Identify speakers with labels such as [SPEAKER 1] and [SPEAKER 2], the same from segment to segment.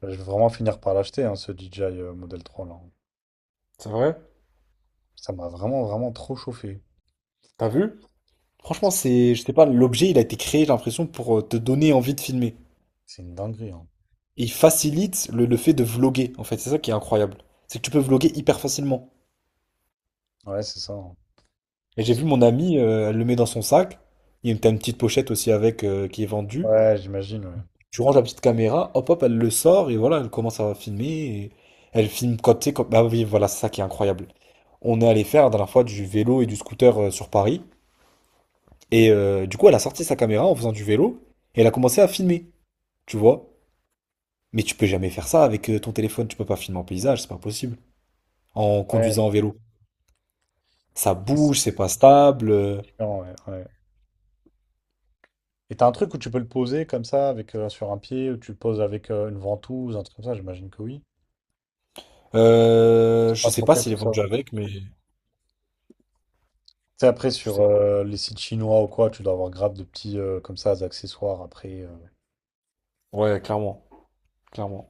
[SPEAKER 1] Je vais vraiment finir par l'acheter, hein, ce DJI Model 3 là.
[SPEAKER 2] C'est vrai?
[SPEAKER 1] Ça m'a vraiment, vraiment trop chauffé.
[SPEAKER 2] T'as vu? Franchement, c'est, je sais pas, l'objet, il a été créé, j'ai l'impression, pour te donner envie de filmer.
[SPEAKER 1] C'est une dinguerie, hein.
[SPEAKER 2] Et il facilite le fait de vloguer, en fait. C'est ça qui est incroyable. C'est que tu peux vloguer hyper facilement.
[SPEAKER 1] Ouais, c'est ça, hein.
[SPEAKER 2] Et j'ai vu mon amie, elle le met dans son sac. Il y a une, T'as une petite pochette aussi avec, qui est vendue.
[SPEAKER 1] Ouais, j'imagine, ouais.
[SPEAKER 2] Tu ranges la petite caméra, hop hop, elle le sort, et voilà, elle commence à filmer. Et elle filme quand, tu sais, bah oui, voilà, c'est ça qui est incroyable. On est allé faire la dernière fois du vélo et du scooter sur Paris. Et du coup, elle a sorti sa caméra en faisant du vélo, et elle a commencé à filmer. Tu vois? Mais tu peux jamais faire ça avec ton téléphone, tu peux pas filmer en paysage, c'est pas possible. En
[SPEAKER 1] Ouais,
[SPEAKER 2] conduisant en vélo. Ça
[SPEAKER 1] c'est
[SPEAKER 2] bouge, c'est pas stable.
[SPEAKER 1] différent, ouais, ouais. Et t'as un truc où tu peux le poser comme ça, avec sur un pied, ou tu le poses avec une ventouse, un truc comme ça, j'imagine que oui. C'est
[SPEAKER 2] Je
[SPEAKER 1] pas
[SPEAKER 2] sais
[SPEAKER 1] trop
[SPEAKER 2] pas
[SPEAKER 1] fait
[SPEAKER 2] s'il
[SPEAKER 1] pour
[SPEAKER 2] est
[SPEAKER 1] ça.
[SPEAKER 2] vendu avec, mais
[SPEAKER 1] Tu sais, après,
[SPEAKER 2] je
[SPEAKER 1] sur
[SPEAKER 2] sais pas.
[SPEAKER 1] les sites chinois ou quoi, tu dois avoir grave de petits, comme ça, des accessoires après.
[SPEAKER 2] Ouais, clairement. Clairement.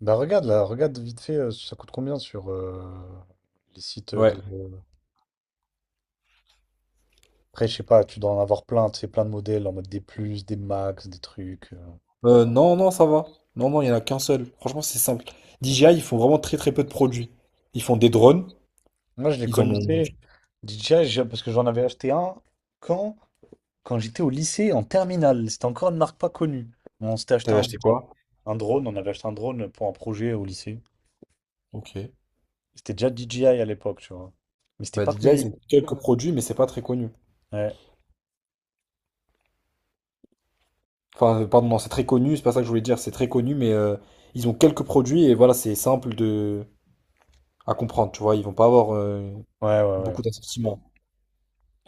[SPEAKER 1] Bah regarde là, regarde vite fait, ça coûte combien sur les sites
[SPEAKER 2] Ouais.
[SPEAKER 1] de... Après, je sais pas, tu dois en avoir plein, tu sais, plein de modèles en mode des plus, des max, des trucs.
[SPEAKER 2] Non, non, ça va. Non, non, il y en a qu'un seul. Franchement, c'est simple. DJI, ils font vraiment très très peu de produits. Ils font des drones,
[SPEAKER 1] Moi, je les
[SPEAKER 2] ils en ont.
[SPEAKER 1] connaissais, DJI, parce que j'en avais acheté un quand, quand j'étais au lycée en terminale. C'était encore une marque pas connue. On s'était acheté
[SPEAKER 2] T'avais
[SPEAKER 1] un,
[SPEAKER 2] acheté quoi?
[SPEAKER 1] un drone, on avait acheté un drone pour un projet au lycée.
[SPEAKER 2] Ok.
[SPEAKER 1] C'était déjà DJI à l'époque, tu vois. Mais c'était
[SPEAKER 2] Bah
[SPEAKER 1] pas
[SPEAKER 2] DJI, ils
[SPEAKER 1] connu.
[SPEAKER 2] ont quelques produits, mais c'est pas très connu.
[SPEAKER 1] Ouais,
[SPEAKER 2] Enfin, pardon, non, c'est très connu, c'est pas ça que je voulais dire, c'est très connu, mais ils ont quelques produits et voilà, c'est simple de à comprendre, tu vois, ils vont pas avoir
[SPEAKER 1] ouais, ouais, ouais,
[SPEAKER 2] beaucoup d'assortiments.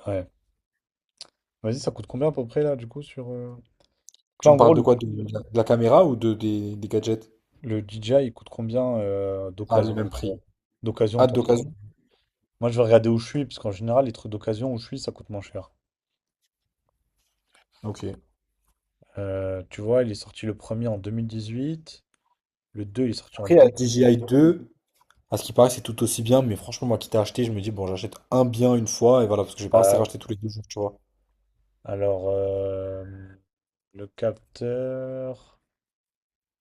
[SPEAKER 1] ouais. Vas-y, ça coûte combien à peu près là, du coup, sur. Donc là,
[SPEAKER 2] Tu
[SPEAKER 1] en
[SPEAKER 2] me
[SPEAKER 1] gros,
[SPEAKER 2] parles de quoi? De la caméra ou des gadgets?
[SPEAKER 1] le DJI, il coûte combien
[SPEAKER 2] À le
[SPEAKER 1] d'occasion
[SPEAKER 2] même prix.
[SPEAKER 1] d'occasion,
[SPEAKER 2] Hâte d'occasion.
[SPEAKER 1] moi, je vais regarder où je suis, parce qu'en général, les trucs d'occasion où je suis, ça coûte moins cher.
[SPEAKER 2] Ok.
[SPEAKER 1] Tu vois, il est sorti le premier en 2018, le deux il est sorti en
[SPEAKER 2] Après, la
[SPEAKER 1] 2018.
[SPEAKER 2] DJI 2, à ce qui paraît, c'est tout aussi bien, mais franchement, moi qui t'ai acheté, je me dis, bon, j'achète un bien une fois et voilà, parce que j'ai pas assez racheté tous les deux jours, tu vois.
[SPEAKER 1] Alors, le capteur,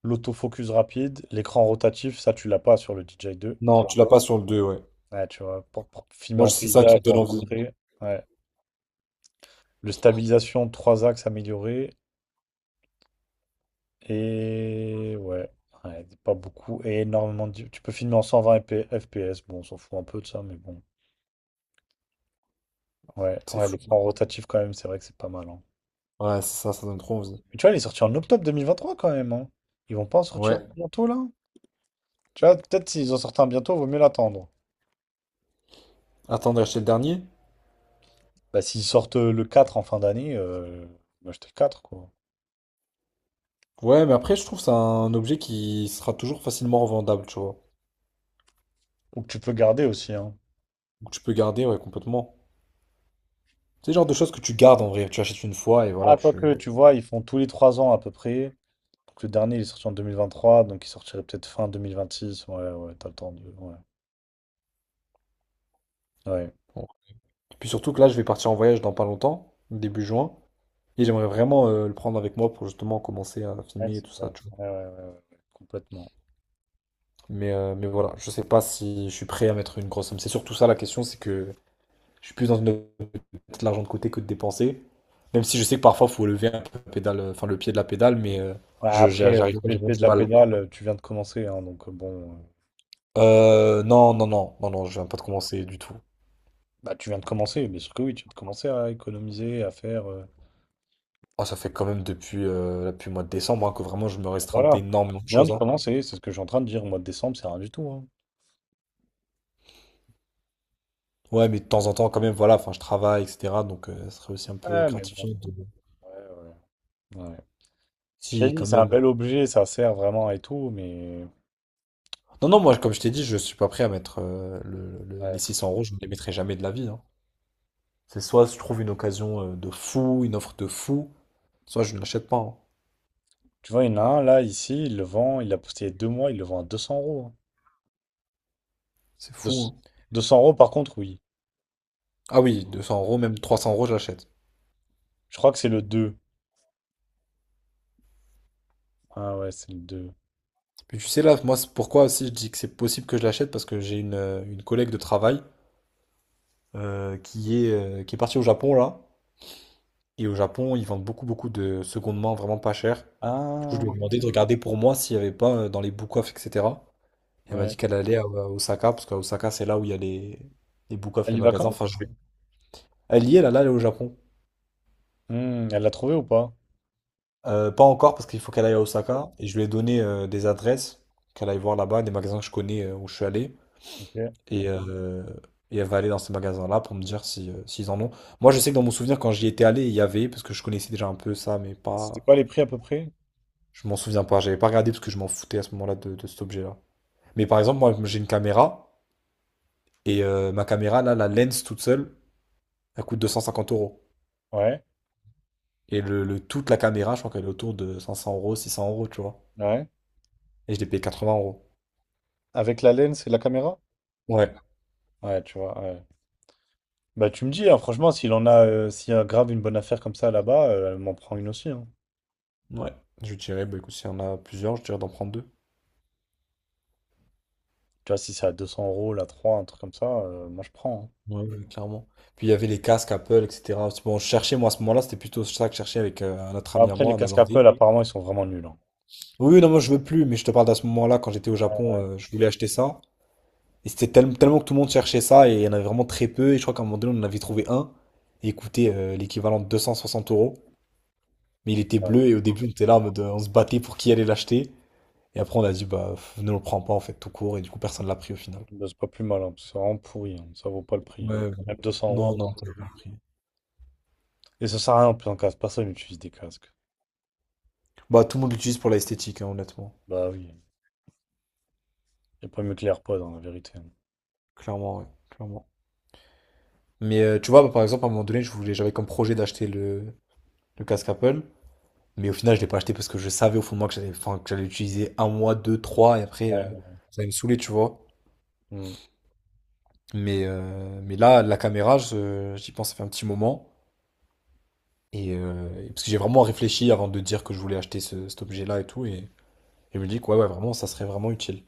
[SPEAKER 1] l'autofocus rapide, l'écran rotatif, ça, tu l'as pas sur le DJI 2.
[SPEAKER 2] Non, tu l'as pas sur le 2. Ouais.
[SPEAKER 1] Ouais, tu vois, pour filmer
[SPEAKER 2] Moi,
[SPEAKER 1] en
[SPEAKER 2] c'est ça qui
[SPEAKER 1] paysage
[SPEAKER 2] me
[SPEAKER 1] ou
[SPEAKER 2] donne
[SPEAKER 1] en
[SPEAKER 2] envie.
[SPEAKER 1] portrait. Ouais. Le stabilisation, trois axes améliorés. Et ouais, ouais, pas beaucoup. Et énormément de... Tu peux filmer en 120 FPS. Bon, on s'en fout un peu de ça, mais bon. Ouais,
[SPEAKER 2] C'est
[SPEAKER 1] ouais, les
[SPEAKER 2] fou, hein.
[SPEAKER 1] plans rotatifs quand même, c'est vrai que c'est pas mal, hein.
[SPEAKER 2] Ouais, c'est ça, ça donne trop envie.
[SPEAKER 1] Mais tu vois, il est sorti en octobre 2023 quand même, hein. Ils vont pas en
[SPEAKER 2] Ouais.
[SPEAKER 1] sortir bientôt là? Tu vois, peut-être s'ils en sortent un bientôt, vaut mieux l'attendre.
[SPEAKER 2] Attendre d'acheter le dernier?
[SPEAKER 1] Bah, s'ils sortent le 4 en fin d'année, bah, j'étais le 4 quoi.
[SPEAKER 2] Ouais, mais après, je trouve que c'est un objet qui sera toujours facilement revendable, tu vois.
[SPEAKER 1] Ou que tu peux garder aussi, hein.
[SPEAKER 2] Donc tu peux garder, ouais, complètement. C'est le genre de choses que tu gardes en vrai. Tu achètes une fois et voilà,
[SPEAKER 1] Que
[SPEAKER 2] tu.
[SPEAKER 1] tu vois, ils font tous les 3 ans à peu près. Donc le dernier il est sorti en 2023, donc il sortirait peut-être fin 2026. Ouais, ouais, t'as le temps de. Ouais, ouais,
[SPEAKER 2] Bon. Et puis surtout que là, je vais partir en voyage dans pas longtemps, début juin. Et j'aimerais vraiment le prendre avec moi pour justement commencer à
[SPEAKER 1] Ouais,
[SPEAKER 2] filmer et
[SPEAKER 1] c'est
[SPEAKER 2] tout ça,
[SPEAKER 1] vrai.
[SPEAKER 2] tu vois.
[SPEAKER 1] Ouais, ouais, ouais, ouais, ouais, complètement.
[SPEAKER 2] Mais voilà, je sais pas si je suis prêt à mettre une grosse somme. C'est surtout ça la question, c'est que je suis plus dans une optique de mettre l'argent de côté que de dépenser. Même si je sais que parfois, faut lever un peu la pédale, enfin, le pied de la pédale, mais
[SPEAKER 1] Ouais, après, le
[SPEAKER 2] j'arrive pas, j'ai vraiment
[SPEAKER 1] BLP de
[SPEAKER 2] du
[SPEAKER 1] la
[SPEAKER 2] mal.
[SPEAKER 1] pédale, tu viens de commencer, hein, donc bon.
[SPEAKER 2] Non, non, non, non, non, je viens pas de commencer du tout.
[SPEAKER 1] Bah, tu viens de commencer, bien sûr que oui, tu viens de commencer à économiser, à faire.
[SPEAKER 2] Ah, ça fait quand même depuis le mois de décembre, hein, que vraiment je me restreins
[SPEAKER 1] Voilà,
[SPEAKER 2] d'énormément
[SPEAKER 1] tu
[SPEAKER 2] de
[SPEAKER 1] viens
[SPEAKER 2] choses,
[SPEAKER 1] de
[SPEAKER 2] hein.
[SPEAKER 1] commencer, c'est ce que je suis en train de dire. Au mois de décembre, c'est rien du tout, hein.
[SPEAKER 2] Ouais, mais de temps en temps, quand même, voilà, enfin, je travaille, etc. Donc, ce serait aussi un peu
[SPEAKER 1] Ouais, mais bon,
[SPEAKER 2] gratifiant de...
[SPEAKER 1] ouais, ouais, ouais. Je t'ai
[SPEAKER 2] Si,
[SPEAKER 1] dit,
[SPEAKER 2] quand
[SPEAKER 1] c'est un
[SPEAKER 2] même.
[SPEAKER 1] bel objet, ça sert vraiment et tout, mais.
[SPEAKER 2] Non, non, moi, comme je t'ai dit, je suis pas prêt à mettre les
[SPEAKER 1] Ouais.
[SPEAKER 2] 600 euros, je ne les mettrai jamais de la vie, hein. C'est soit je trouve une occasion de fou, une offre de fou, soit je ne l'achète pas, hein.
[SPEAKER 1] Tu vois, il y en a un là, ici, il le vend, il a posté il y a 2 mois, il le vend à 200 euros, hein.
[SPEAKER 2] C'est
[SPEAKER 1] Deux-
[SPEAKER 2] fou, hein.
[SPEAKER 1] 200 euros, par contre, oui.
[SPEAKER 2] Ah oui, 200 euros, même 300 euros, je l'achète.
[SPEAKER 1] Je crois que c'est le deux. Ah ouais, c'est le deux.
[SPEAKER 2] Puis tu sais là, moi c'est pourquoi aussi je dis que c'est possible que je l'achète parce que j'ai une collègue de travail qui est partie au Japon là. Et au Japon, ils vendent beaucoup beaucoup de seconde main vraiment pas cher. Du coup, je lui ai
[SPEAKER 1] Ah,
[SPEAKER 2] demandé de regarder pour moi s'il n'y avait pas dans les book-off, etc. Elle m'a dit
[SPEAKER 1] ouais.
[SPEAKER 2] qu'elle allait à Osaka parce qu'à Osaka c'est là où il y a les book-off,
[SPEAKER 1] Elle
[SPEAKER 2] les
[SPEAKER 1] y va
[SPEAKER 2] magasins.
[SPEAKER 1] quand?
[SPEAKER 2] Enfin, je vais. Elle y est là, là, elle est au Japon.
[SPEAKER 1] Hmm, elle l'a trouvé ou pas?
[SPEAKER 2] Pas encore parce qu'il faut qu'elle aille à Osaka et je lui ai donné des adresses qu'elle aille voir là-bas, des magasins que je connais où je suis allé.
[SPEAKER 1] Ok.
[SPEAKER 2] Et, euh, et elle va aller dans ces magasins-là pour me dire si, s'ils en ont. Moi, je sais que dans mon souvenir, quand j'y étais allé, il y avait, parce que je connaissais déjà un peu ça, mais
[SPEAKER 1] C'était
[SPEAKER 2] pas.
[SPEAKER 1] quoi les prix à peu près?
[SPEAKER 2] Je m'en souviens pas. J'avais pas regardé parce que je m'en foutais à ce moment-là de cet objet-là. Mais par exemple, moi, j'ai une caméra, et ma caméra, là, la lens toute seule, elle coûte 250 euros.
[SPEAKER 1] Ouais,
[SPEAKER 2] Et toute la caméra, je crois qu'elle est autour de 500 euros, 600 euros, tu vois.
[SPEAKER 1] ouais.
[SPEAKER 2] Et je l'ai payé 80 euros.
[SPEAKER 1] Avec la laine, c'est la caméra?
[SPEAKER 2] Ouais.
[SPEAKER 1] Ouais, tu vois, ouais. Bah, tu me dis, hein, franchement, s'il en a, s'il y a grave une bonne affaire comme ça là-bas, elle m'en prend une aussi, hein.
[SPEAKER 2] Ouais. Je dirais, bah écoute, s'il y en a plusieurs, je dirais d'en prendre deux.
[SPEAKER 1] Tu vois, si c'est à 200 euros, là trois un truc comme ça, moi je prends, hein.
[SPEAKER 2] Ouais, ouais, clairement. Puis il y avait les casques Apple, etc. Bon, je cherchais, moi, à ce moment-là, c'était plutôt ça que je cherchais avec un autre
[SPEAKER 1] Bah,
[SPEAKER 2] ami à
[SPEAKER 1] après,
[SPEAKER 2] moi,
[SPEAKER 1] les
[SPEAKER 2] un
[SPEAKER 1] casques
[SPEAKER 2] Hollandais.
[SPEAKER 1] Apple, apparemment, ils sont vraiment nuls, hein.
[SPEAKER 2] Oui, oui, non, moi, je veux plus, mais je te parle d'à ce moment-là, quand j'étais au Japon, je voulais acheter ça. Et c'était tellement que tout le monde cherchait ça, et il y en avait vraiment très peu. Et je crois qu'à un moment donné, on en avait trouvé un, et il coûtait l'équivalent de 260 euros. Mais il était
[SPEAKER 1] Ouais.
[SPEAKER 2] bleu, et au début, on était là, en mode, on se battait pour qui allait l'acheter. Et après, on a dit, bah, pff, ne le prends pas, en fait, tout court. Et du coup, personne l'a pris au final.
[SPEAKER 1] Bah, c'est pas plus mal, hein, parce que c'est vraiment pourri, hein. Ça vaut pas le prix,
[SPEAKER 2] Ouais,
[SPEAKER 1] hein.
[SPEAKER 2] ouais.
[SPEAKER 1] Même 200
[SPEAKER 2] Non,
[SPEAKER 1] euros.
[SPEAKER 2] non, ça pas pris.
[SPEAKER 1] Et ça sert à rien en plus en casque. Personne n'utilise des casques.
[SPEAKER 2] Bah, tout le monde l'utilise pour l'esthétique, hein, honnêtement.
[SPEAKER 1] Bah oui. Il a pas mieux que les AirPods, en la vérité, hein.
[SPEAKER 2] Clairement, ouais. Clairement. Mais tu vois, bah, par exemple, à un moment donné, je voulais, j'avais comme projet d'acheter le casque Apple. Mais au final, je l'ai pas acheté parce que je savais au fond de moi que j'allais, enfin, que j'allais l'utiliser un mois, deux, trois, et après,
[SPEAKER 1] Ouais.
[SPEAKER 2] ça allait me saouler, tu vois.
[SPEAKER 1] Hmm.
[SPEAKER 2] Mais là, la caméra, j'y pense, ça fait un petit moment. Parce que j'ai vraiment réfléchi avant de dire que je voulais acheter cet objet-là et tout. Et je me dis que ouais, ouais, vraiment, ça serait vraiment utile.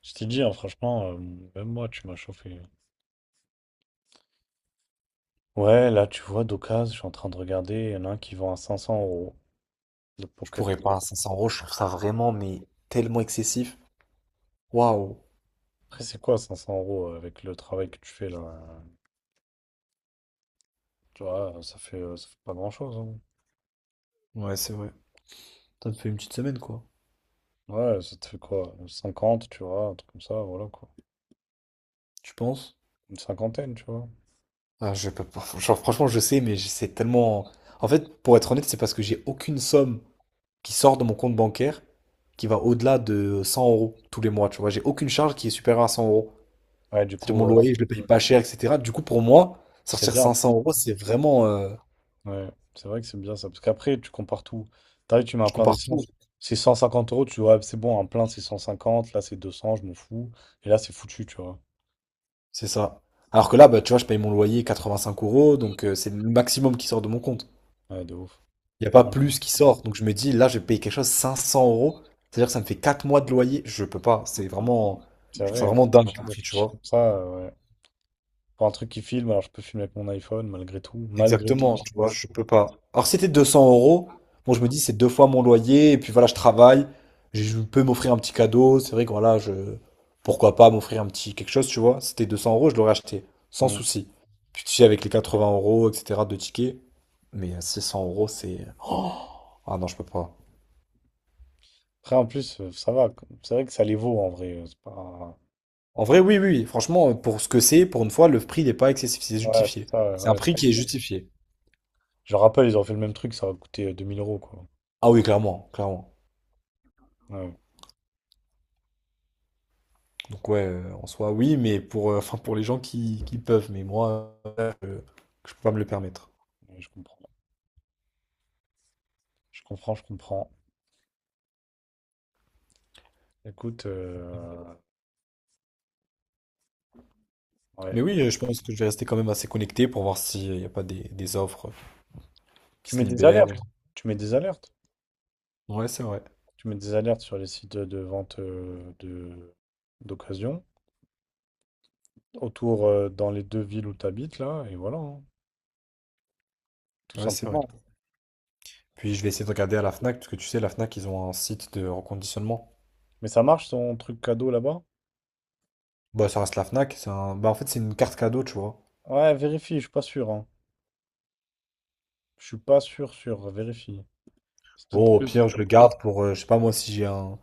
[SPEAKER 1] Je t'ai dit, hein, franchement, même moi, tu m'as chauffé. Ouais, là, tu vois, d'occasion, je suis en train de regarder. Il y en a un qui vend à 500 euros, le
[SPEAKER 2] Je
[SPEAKER 1] Pocket.
[SPEAKER 2] pourrais pas, 500 euros, je trouve ça vraiment, mais tellement excessif. Waouh!
[SPEAKER 1] Après, c'est quoi 500 € avec le travail que tu fais là? Tu vois, ça fait pas grand-chose, hein.
[SPEAKER 2] Ouais, c'est vrai. Ça me fait une petite semaine, quoi.
[SPEAKER 1] Ouais, ça te fait quoi? 50, tu vois, un truc comme ça, voilà quoi.
[SPEAKER 2] Tu penses?
[SPEAKER 1] Une cinquantaine, tu vois.
[SPEAKER 2] Ah, je peux pas. Genre, franchement, je sais, mais c'est tellement. En fait, pour être honnête, c'est parce que j'ai aucune somme qui sort de mon compte bancaire qui va au-delà de 100 euros tous les mois. Tu vois, j'ai aucune charge qui est supérieure à 100 euros.
[SPEAKER 1] Ouais, du
[SPEAKER 2] C'est-à-dire
[SPEAKER 1] coup,
[SPEAKER 2] mon loyer, je le paye pas cher, etc. Du coup, pour moi,
[SPEAKER 1] c'est
[SPEAKER 2] sortir
[SPEAKER 1] bien.
[SPEAKER 2] 500 euros, c'est vraiment.
[SPEAKER 1] Ouais, c'est vrai que c'est bien ça. Parce qu'après, tu compares tout. T'arrives, tu mets un
[SPEAKER 2] Je
[SPEAKER 1] plein
[SPEAKER 2] compare tout.
[SPEAKER 1] d'essence. C'est 150 euros, tu vois, c'est bon, un plein c'est 150, là c'est 200, je m'en fous. Et là, c'est foutu, tu vois.
[SPEAKER 2] C'est ça. Alors que là, bah, tu vois, je paye mon loyer 85 euros, donc c'est le maximum qui sort de mon compte.
[SPEAKER 1] Ouais, de ouf.
[SPEAKER 2] Il n'y a
[SPEAKER 1] Ouais,
[SPEAKER 2] pas plus qui sort. Donc je me dis, là, je vais payer quelque chose 500 euros. C'est-à-dire que ça me fait 4 mois de loyer. Je peux pas. C'est vraiment.
[SPEAKER 1] c'est
[SPEAKER 2] Je trouve ça
[SPEAKER 1] vrai, ouais.
[SPEAKER 2] vraiment dingue
[SPEAKER 1] Je
[SPEAKER 2] comme prix, tu
[SPEAKER 1] réfléchis
[SPEAKER 2] vois.
[SPEAKER 1] comme ça. Ouais. Pour un truc qui filme, alors je peux filmer avec mon iPhone, malgré tout. Malgré tout,
[SPEAKER 2] Exactement,
[SPEAKER 1] je
[SPEAKER 2] tu vois,
[SPEAKER 1] pense.
[SPEAKER 2] je peux pas. Alors si c'était 200 euros, bon, je me dis, c'est deux fois mon loyer. Et puis voilà, je travaille. Je peux m'offrir un petit cadeau. C'est vrai que voilà, je. Pourquoi pas m'offrir un petit quelque chose, tu vois. Si c'était 200 euros, je l'aurais acheté. Sans
[SPEAKER 1] Mm.
[SPEAKER 2] souci. Puis tu sais, avec les 80 euros, etc., de tickets. Mais 600 euros, c'est. Oh ah non, je peux pas.
[SPEAKER 1] Après, en plus, ça va, quoi. C'est vrai que ça les vaut en vrai. C'est pas...
[SPEAKER 2] En vrai, oui, oui, oui, franchement, pour ce que c'est, pour une fois, le prix n'est pas excessif, c'est
[SPEAKER 1] Ouais, c'est
[SPEAKER 2] justifié.
[SPEAKER 1] ça. Ouais,
[SPEAKER 2] C'est
[SPEAKER 1] ouais,
[SPEAKER 2] un prix, ah, qui est justifié.
[SPEAKER 1] je le rappelle, ils ont fait le même truc, ça va coûter 2000 euros, quoi.
[SPEAKER 2] Ah oui, clairement, clairement.
[SPEAKER 1] Ouais,
[SPEAKER 2] Donc ouais, en soi, oui, mais pour, enfin, pour les gens qui peuvent, mais moi, je peux pas me le permettre.
[SPEAKER 1] ouais, je comprends. Je comprends, je comprends. Écoute, ouais.
[SPEAKER 2] Mais oui, je pense que je vais rester quand même assez connecté pour voir s'il n'y a pas des offres qui
[SPEAKER 1] Tu mets
[SPEAKER 2] se
[SPEAKER 1] des
[SPEAKER 2] libèrent.
[SPEAKER 1] alertes.
[SPEAKER 2] ou-
[SPEAKER 1] Tu mets des alertes.
[SPEAKER 2] Ouais, c'est vrai.
[SPEAKER 1] Tu mets des alertes sur les sites de vente de d'occasion. Autour, dans les deux villes où tu habites, là, et voilà, hein. Tout
[SPEAKER 2] Ouais, c'est vrai.
[SPEAKER 1] simplement.
[SPEAKER 2] Puis je vais essayer de regarder à la Fnac, parce que tu sais, la Fnac, ils ont un site de reconditionnement.
[SPEAKER 1] Mais ça marche son truc cadeau là-bas?
[SPEAKER 2] Bah, ça reste la Fnac, c'est un... Bah, en fait, c'est une carte cadeau, tu vois.
[SPEAKER 1] Ouais, vérifie, je suis pas sûr, hein. Je suis pas sûr, sûr, vérifie. C'est peut-être
[SPEAKER 2] Bon, au
[SPEAKER 1] plus.
[SPEAKER 2] pire, je le garde pour, je sais pas moi, si j'ai un...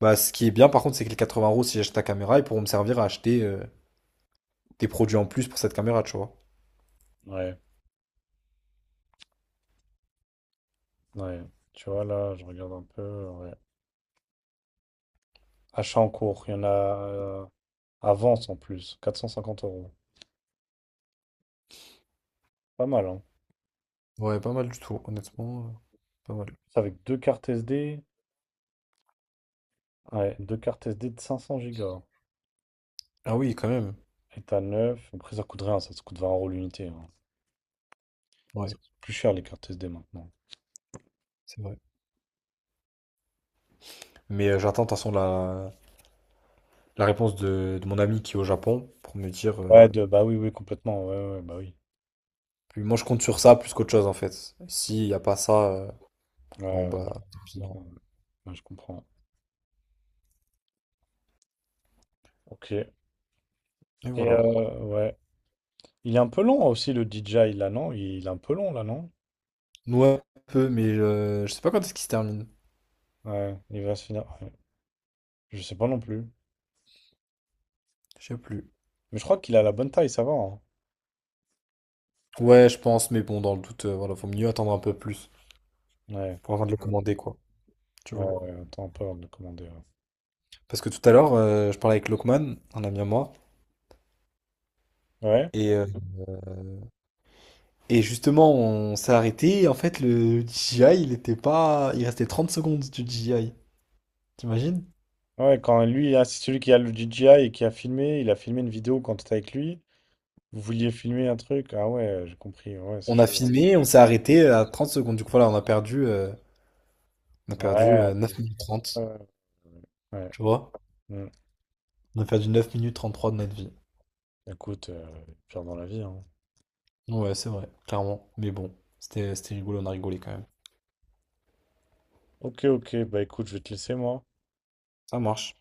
[SPEAKER 2] Bah, ce qui est bien, par contre, c'est que les 80 euros, si j'achète ta caméra, ils pourront me servir à acheter des produits en plus pour cette caméra, tu vois.
[SPEAKER 1] Ouais, ouais. Tu vois, là, je regarde un peu. Ouais. Achat en cours, il y en a avance en plus, 450 euros. Pas mal, hein.
[SPEAKER 2] Ouais, pas mal du tout, honnêtement. Pas mal.
[SPEAKER 1] C'est avec deux cartes SD. Ouais, deux cartes SD de 500 gigas.
[SPEAKER 2] Ah oui, quand même.
[SPEAKER 1] État neuf. Après, ça coûte rien, ça coûte 20 € l'unité, hein.
[SPEAKER 2] Ouais,
[SPEAKER 1] Ça coûte plus cher les cartes SD maintenant.
[SPEAKER 2] c'est vrai. Mais j'attends, de toute façon, la réponse de mon ami qui est au Japon pour me dire.
[SPEAKER 1] Ouais, de, bah oui, oui, complètement. Ouais, ouais, ouais, bah oui.
[SPEAKER 2] Puis moi, je compte sur ça plus qu'autre chose, en fait. S'il n'y a pas ça, bon,
[SPEAKER 1] Ouais, ouais,
[SPEAKER 2] bah, tant
[SPEAKER 1] je
[SPEAKER 2] pis, hein.
[SPEAKER 1] comprends. Ouais, je comprends. Ok.
[SPEAKER 2] Et
[SPEAKER 1] Et
[SPEAKER 2] voilà.
[SPEAKER 1] ouais. Il est un peu long aussi le DJI là, non? Il est un peu long là, non?
[SPEAKER 2] Ouais, un peu, mais je sais pas quand est-ce qu'il se termine.
[SPEAKER 1] Ouais, il va se finir, ouais. Je sais pas non plus.
[SPEAKER 2] Je sais plus.
[SPEAKER 1] Mais je crois qu'il a la bonne taille, ça va, hein.
[SPEAKER 2] Ouais, je pense, mais bon, dans le doute, voilà, faut mieux attendre un peu plus
[SPEAKER 1] Ouais,
[SPEAKER 2] pour avant de le commander, quoi. Tu
[SPEAKER 1] ouais,
[SPEAKER 2] vois.
[SPEAKER 1] ouais. Attends un peu avant de le commander.
[SPEAKER 2] Parce que tout à l'heure, je parlais avec Lokman, un ami à moi,
[SPEAKER 1] Ouais.
[SPEAKER 2] et, euh, et justement, on s'est arrêté. Et en fait, le DJI, il était pas. Il restait 30 secondes du DJI. T'imagines?
[SPEAKER 1] Ouais, ouais, quand lui, ah, c'est celui qui a le DJI et qui a filmé, il a filmé une vidéo quand t'étais avec lui. Vous vouliez filmer un truc? Ah ouais, j'ai compris. Ouais, c'est
[SPEAKER 2] On a
[SPEAKER 1] chou.
[SPEAKER 2] filmé, on s'est arrêté à 30 secondes. Du coup, voilà, on a perdu, euh, on a perdu
[SPEAKER 1] Ouais,
[SPEAKER 2] euh, 9 minutes
[SPEAKER 1] ouais,
[SPEAKER 2] 30.
[SPEAKER 1] ouais.
[SPEAKER 2] Tu vois?
[SPEAKER 1] Mm.
[SPEAKER 2] On a perdu 9 minutes 33 de notre vie.
[SPEAKER 1] Écoute, pire dans la vie, hein.
[SPEAKER 2] Ouais, c'est vrai, clairement. Mais bon, c'était rigolo, on a rigolé quand même.
[SPEAKER 1] Ok, ok, bah écoute, je vais te laisser moi.
[SPEAKER 2] Ça marche.